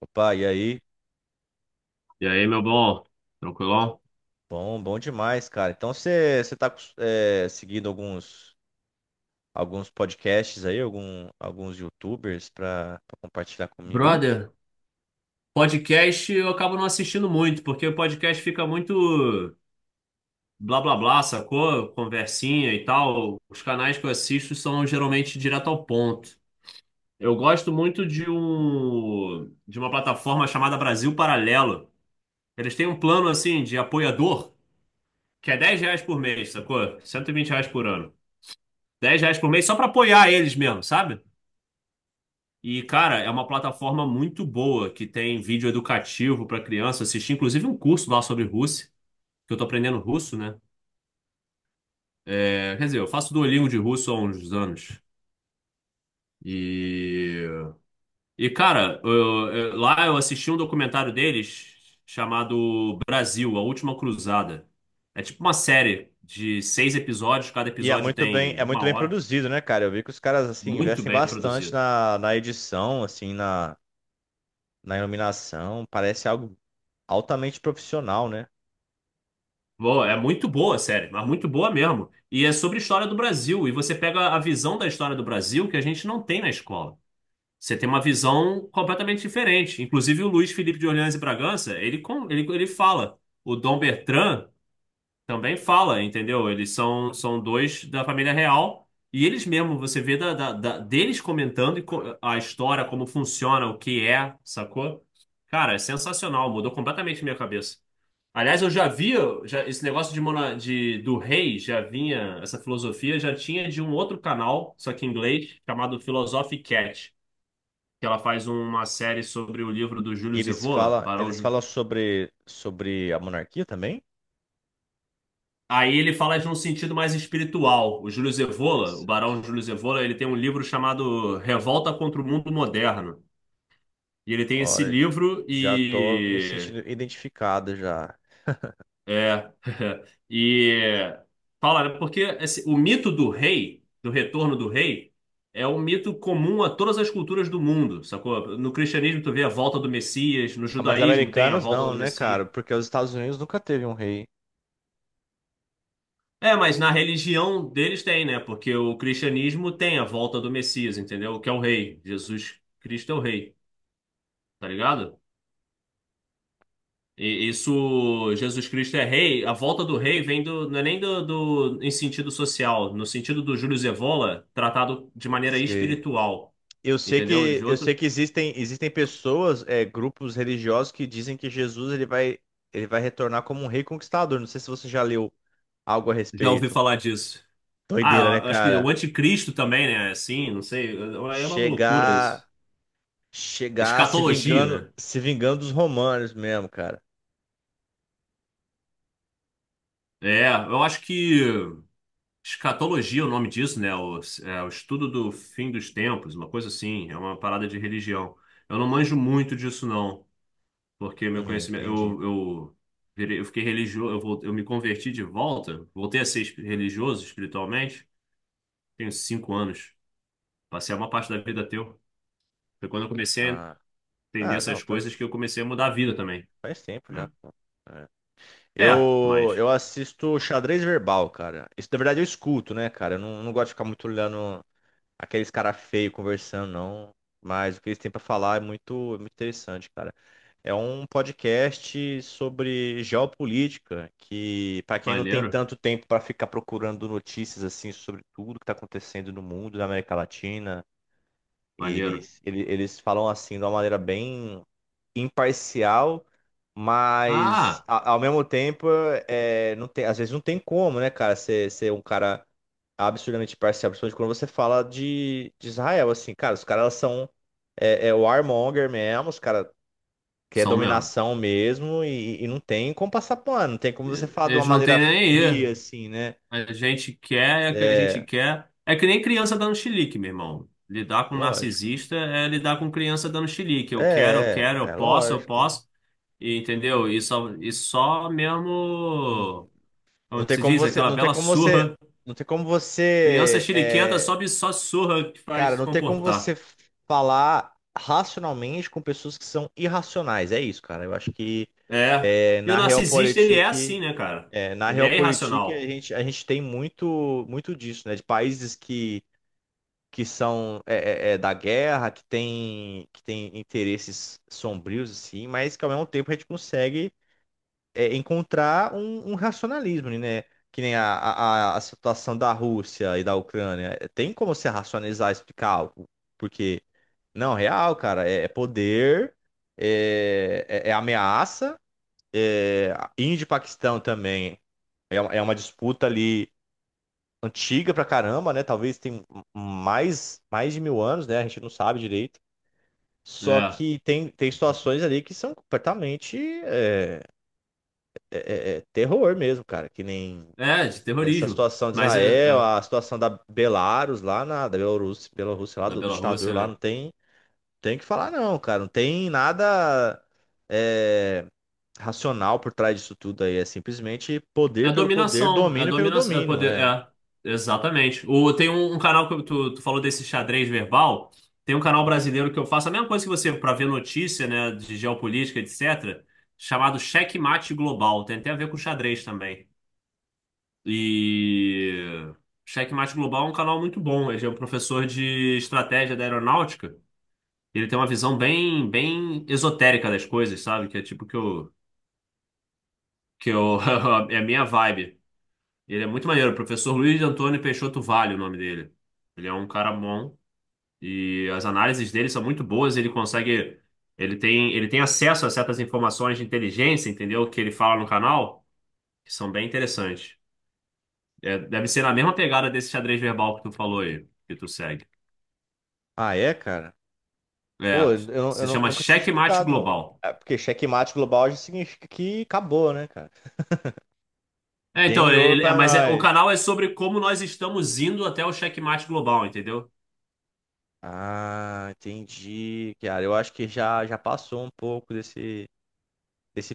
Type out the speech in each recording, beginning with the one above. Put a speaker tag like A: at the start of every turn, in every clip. A: Opa, e aí?
B: E aí, meu bom? Tranquilão?
A: Bom, bom demais, cara. Então você tá seguindo alguns podcasts aí, alguns YouTubers pra compartilhar comigo aí?
B: Brother, podcast eu acabo não assistindo muito, porque o podcast fica muito blá blá blá, sacou? Conversinha e tal. Os canais que eu assisto são geralmente direto ao ponto. Eu gosto muito de uma plataforma chamada Brasil Paralelo. Eles têm um plano assim de apoiador, que é R$ 10 por mês, sacou? R$ 120 por ano. R$ 10 por mês só pra apoiar eles mesmo, sabe? E, cara, é uma plataforma muito boa que tem vídeo educativo para criança assistir, inclusive um curso lá sobre russo, que eu tô aprendendo russo, né? É, quer dizer, eu faço Duolingo de russo há uns anos. E, e, cara, lá eu assisti um documentário deles chamado Brasil, A Última Cruzada. É tipo uma série de 6 episódios, cada
A: E
B: episódio tem
A: é
B: uma
A: muito bem
B: hora,
A: produzido, né, cara? Eu vi que os caras assim
B: muito
A: investem
B: bem
A: bastante
B: produzido.
A: na edição, na iluminação. Parece algo altamente profissional, né?
B: Boa, é muito boa a série, mas muito boa mesmo. E é sobre a história do Brasil. E você pega a visão da história do Brasil que a gente não tem na escola. Você tem uma visão completamente diferente. Inclusive, o Luiz Felipe de Orleans e Bragança, ele fala. O Dom Bertrand também fala, entendeu? Eles são dois da família real. E eles mesmo, você vê deles comentando e a história, como funciona, o que é, sacou? Cara, é sensacional, mudou completamente minha cabeça. Aliás, eu já vi já, esse negócio de do rei, já vinha, essa filosofia já tinha de um outro canal, só que em inglês, chamado Philosophy Cat, que ela faz uma série sobre o livro do
A: E
B: Júlio Evola, Barão
A: eles
B: Júlio.
A: falam sobre a monarquia também?
B: Aí ele fala de um sentido mais espiritual. O Júlio Evola, o Barão
A: Interessante.
B: Júlio Evola, ele tem um livro chamado Revolta contra o Mundo Moderno. E ele tem esse
A: Olha,
B: livro,
A: já tô me
B: e
A: sentindo identificado já.
B: é. E fala, né, porque o mito do rei, do retorno do rei, é um mito comum a todas as culturas do mundo, sacou? No cristianismo tu vê a volta do Messias, no
A: Ah, mas
B: judaísmo tem a
A: americanos
B: volta
A: não,
B: do
A: né,
B: Messias.
A: cara? Porque os Estados Unidos nunca teve um rei.
B: É, mas na religião deles tem, né? Porque o cristianismo tem a volta do Messias, entendeu? Que é o rei. Jesus Cristo é o rei, tá ligado? E isso, Jesus Cristo é rei, a volta do rei vem do, não é nem do em sentido social, no sentido do Júlio Evola, tratado de maneira
A: Se-
B: espiritual, entendeu? De
A: Eu sei
B: outro,
A: que existem pessoas, grupos religiosos que dizem que Jesus ele vai retornar como um rei conquistador. Não sei se você já leu algo a
B: já ouvi
A: respeito.
B: falar disso.
A: Doideira, né,
B: Ah, eu acho que o
A: cara?
B: anticristo também, né? Assim, não sei, é uma loucura
A: Chegar
B: isso.
A: chegar
B: Escatologia, né?
A: se vingando dos romanos mesmo, cara.
B: É, eu acho que escatologia é o nome disso, né? O estudo do fim dos tempos, uma coisa assim, é uma parada de religião. Eu não manjo muito disso, não, porque meu
A: É,
B: conhecimento,
A: entendi.
B: eu fiquei religioso, eu me converti de volta, voltei a ser religioso espiritualmente, tenho 5 anos. Passei uma parte da vida ateu. Foi quando eu comecei a
A: Ah,
B: entender
A: ah, não,
B: essas coisas que eu comecei a mudar a vida também,
A: faz tempo já,
B: né?
A: pô. É.
B: É, mas
A: Eu assisto xadrez verbal, cara. Isso, na verdade, eu escuto, né, cara? Eu não, não gosto de ficar muito olhando aqueles cara feio conversando, não. Mas o que eles têm pra falar é muito interessante, cara. É um podcast sobre geopolítica, que pra quem não tem
B: maneiro,
A: tanto tempo pra ficar procurando notícias assim sobre tudo que tá acontecendo no mundo, na América Latina,
B: maneiro.
A: eles falam assim de uma maneira bem imparcial, mas
B: Ah,
A: ao mesmo tempo, não tem, às vezes não tem como, né, cara, ser um cara absurdamente imparcial, principalmente quando você fala de Israel, assim, cara, os caras são é warmonger mesmo, os caras querem
B: são mesmo.
A: dominação mesmo e não tem como passar pano, não tem como você falar de uma
B: Eles não
A: maneira
B: têm nem aí.
A: fria, assim, né?
B: A gente quer é o que a gente
A: É,
B: quer. É que nem criança dando chilique, meu irmão. Lidar com um
A: lógico.
B: narcisista é lidar com criança dando chilique. Eu quero, eu quero, eu
A: É
B: posso, eu
A: lógico.
B: posso. E, entendeu? E só mesmo,
A: Não
B: como
A: tem
B: se
A: como
B: diz,
A: você,
B: aquela
A: não tem
B: bela
A: como você,
B: surra.
A: não tem como
B: Criança
A: você,
B: chiliquenta sobe só surra que faz
A: cara,
B: se
A: não tem como você
B: comportar.
A: falar racionalmente com pessoas que são irracionais. É isso, cara. Eu acho que
B: É. E o
A: na
B: narcisista, ele é
A: Realpolitik,
B: assim, né, cara?
A: na
B: Ele é
A: Realpolitik
B: irracional.
A: a gente tem muito, muito disso, né? De países que são é da guerra, que tem interesses sombrios assim, mas que ao mesmo tempo a gente consegue encontrar um racionalismo, né? Que nem a situação da Rússia e da Ucrânia. Tem como você racionalizar e explicar algo? Porque, não, real, cara, é poder, é ameaça, é, Índia e Paquistão também. É, é uma disputa ali antiga pra caramba, né? Talvez tem mais de mil anos, né? A gente não sabe direito. Só
B: É.
A: que tem situações ali que são completamente é, é terror mesmo, cara. Que nem
B: É, de
A: essa
B: terrorismo.
A: situação de
B: Mas é,
A: Israel,
B: é
A: a situação da Belarus lá na da Bielorrússia, Bielorrússia lá
B: da
A: do ditador lá
B: Bielorrússia.
A: não tem, tem que falar não, cara, não tem nada é, racional por trás disso tudo aí, é simplesmente poder
B: É
A: pelo poder,
B: dominação, é
A: domínio pelo
B: dominação, é
A: domínio,
B: poder,
A: é.
B: exatamente. Tem um, canal que tu falou desse xadrez verbal, tem um canal brasileiro que eu faço a mesma coisa que você para ver notícia, né, de geopolítica, etc., chamado Xeque-mate Global, tem até a ver com xadrez também. E Xeque-mate Global é um canal muito bom, ele é um professor de estratégia da aeronáutica, ele tem uma visão bem, bem esotérica das coisas, sabe? Que é tipo que eu, é a minha vibe. Ele é muito maneiro, o professor Luiz Antônio Peixoto Vale, é o nome dele. Ele é um cara bom e as análises dele são muito boas, ele consegue, ele tem acesso a certas informações de inteligência, entendeu? Que ele fala no canal, que são bem interessantes. É, deve ser na mesma pegada desse xadrez verbal que tu falou aí, que tu segue.
A: Ah, é, cara? Pô,
B: É, se
A: eu
B: chama
A: nunca tinha
B: Checkmate
A: escutado, não.
B: Global.
A: É porque checkmate global já significa que acabou, né, cara?
B: É,
A: Game
B: então,
A: over
B: ele,
A: pra
B: é, mas é, o
A: nós.
B: canal é sobre como nós estamos indo até o checkmate global, entendeu?
A: Ah, entendi, cara. Eu acho que já passou um pouco desse esse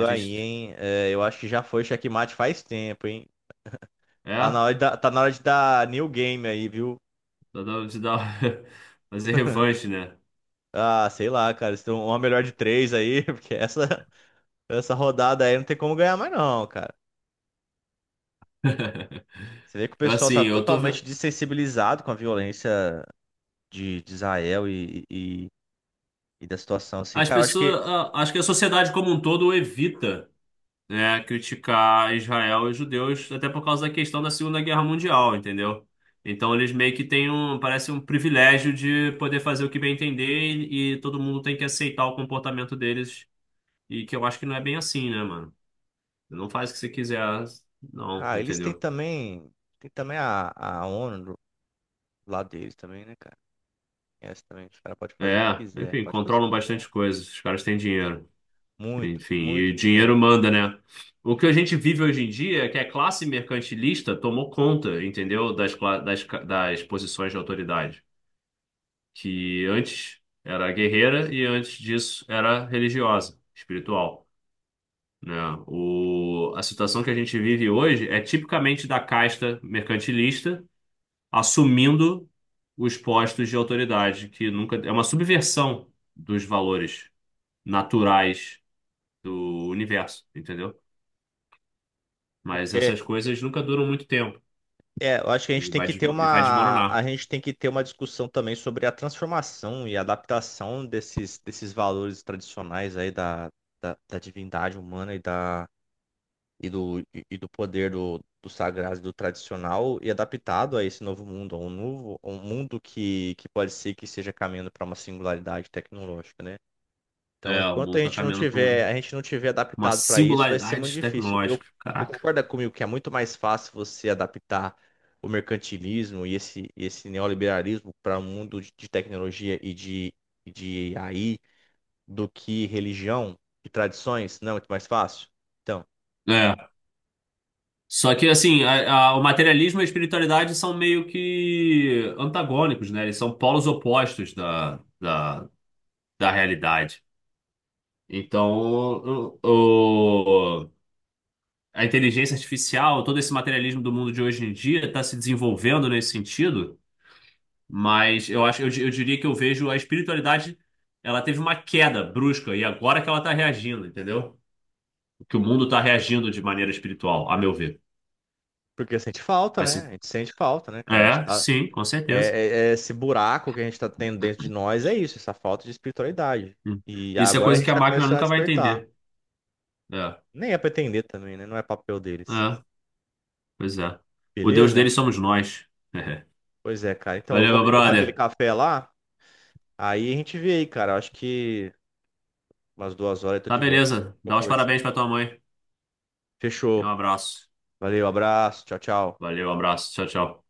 B: A
A: aí,
B: gente,
A: hein? É, eu acho que já foi checkmate faz tempo, hein?
B: é,
A: Tá na hora de dar new game aí, viu?
B: dá- dá- dá- fazer revanche, né?
A: Ah, sei lá, cara. Se tem uma melhor de três aí, porque essa rodada aí não tem como ganhar mais, não, cara. Você vê que o
B: Eu
A: pessoal tá
B: assim, eu tô vendo.
A: totalmente desensibilizado com a violência de Israel e da situação, assim. Cara, eu acho que.
B: Acho que a sociedade como um todo evita, né, criticar Israel e os judeus, até por causa da questão da Segunda Guerra Mundial, entendeu? Então eles meio que têm um, parece um privilégio de poder fazer o que bem entender e, todo mundo tem que aceitar o comportamento deles, e que eu acho que não é bem assim, né, mano? Não faz o que você quiser, não,
A: Ah, eles têm
B: entendeu?
A: também. Tem também a ONU do lado deles também, né, cara? Essa também, os caras podem fazer o que
B: É,
A: quiser.
B: enfim,
A: Pode fazer o que
B: controlam bastante
A: quiser.
B: coisas, os caras têm dinheiro.
A: Muito,
B: Enfim, e
A: muito
B: o dinheiro
A: dinheiro.
B: manda, né? O que a gente vive hoje em dia é que a classe mercantilista tomou conta, entendeu? Das, cla- das, ca- das posições de autoridade, que antes era guerreira e antes disso era religiosa, espiritual, né? A situação que a gente vive hoje é tipicamente da casta mercantilista assumindo os postos de autoridade, que nunca é uma subversão dos valores naturais do universo, entendeu? Mas essas
A: É,
B: coisas nunca duram muito tempo
A: eu acho que a gente
B: e
A: tem
B: vai,
A: que ter
B: desmo- e vai
A: uma, a
B: desmoronar.
A: gente tem que ter uma discussão também sobre a transformação e adaptação desses valores tradicionais aí da divindade humana e, da, e do poder do sagrado e do tradicional e adaptado a esse novo mundo, a um mundo que pode ser que seja caminhando para uma singularidade tecnológica, né? Então,
B: É, o
A: enquanto
B: mundo tá caminhando para
A: a gente não tiver
B: uma
A: adaptado para isso, vai ser muito
B: singularidade
A: difícil.
B: tecnológica.
A: Você
B: Caraca.
A: concorda comigo que é muito mais fácil você adaptar o mercantilismo e esse neoliberalismo para o mundo de tecnologia e de AI do que religião e tradições? Não é muito mais fácil? Então,
B: É. Só que, assim, o materialismo e a espiritualidade são meio que antagônicos, né? Eles são polos opostos da realidade. Então, o, o- a inteligência artificial, todo esse materialismo do mundo de hoje em dia está se desenvolvendo nesse sentido. Mas eu acho, eu diria que eu vejo a espiritualidade, ela teve uma queda brusca e agora que ela está reagindo, entendeu? Que o mundo está reagindo de maneira espiritual, a meu ver.
A: porque sente falta, né?
B: Assim,
A: A gente sente falta, né, cara? A gente
B: é,
A: tá,
B: sim, com
A: é,
B: certeza.
A: é esse buraco que a gente está tendo dentro de nós é isso, essa falta de espiritualidade.
B: Hum.
A: E
B: Isso é
A: agora a
B: coisa
A: gente
B: que a
A: está
B: máquina
A: começando a
B: nunca vai
A: despertar.
B: entender. É,
A: Nem é pra também, né? Não é papel deles.
B: é, pois é. O Deus
A: Beleza?
B: deles somos nós.
A: Pois é, cara. Então eu
B: Valeu,
A: vou
B: meu
A: ali tomar aquele
B: brother.
A: café lá. Aí a gente vê aí, cara. Eu acho que umas duas horas eu tô
B: Tá
A: de volta.
B: beleza.
A: Tô
B: Dá os
A: conversando.
B: parabéns pra tua mãe. E
A: Fechou.
B: um abraço.
A: Valeu, abraço. Tchau, tchau.
B: Valeu, um abraço. Tchau, tchau.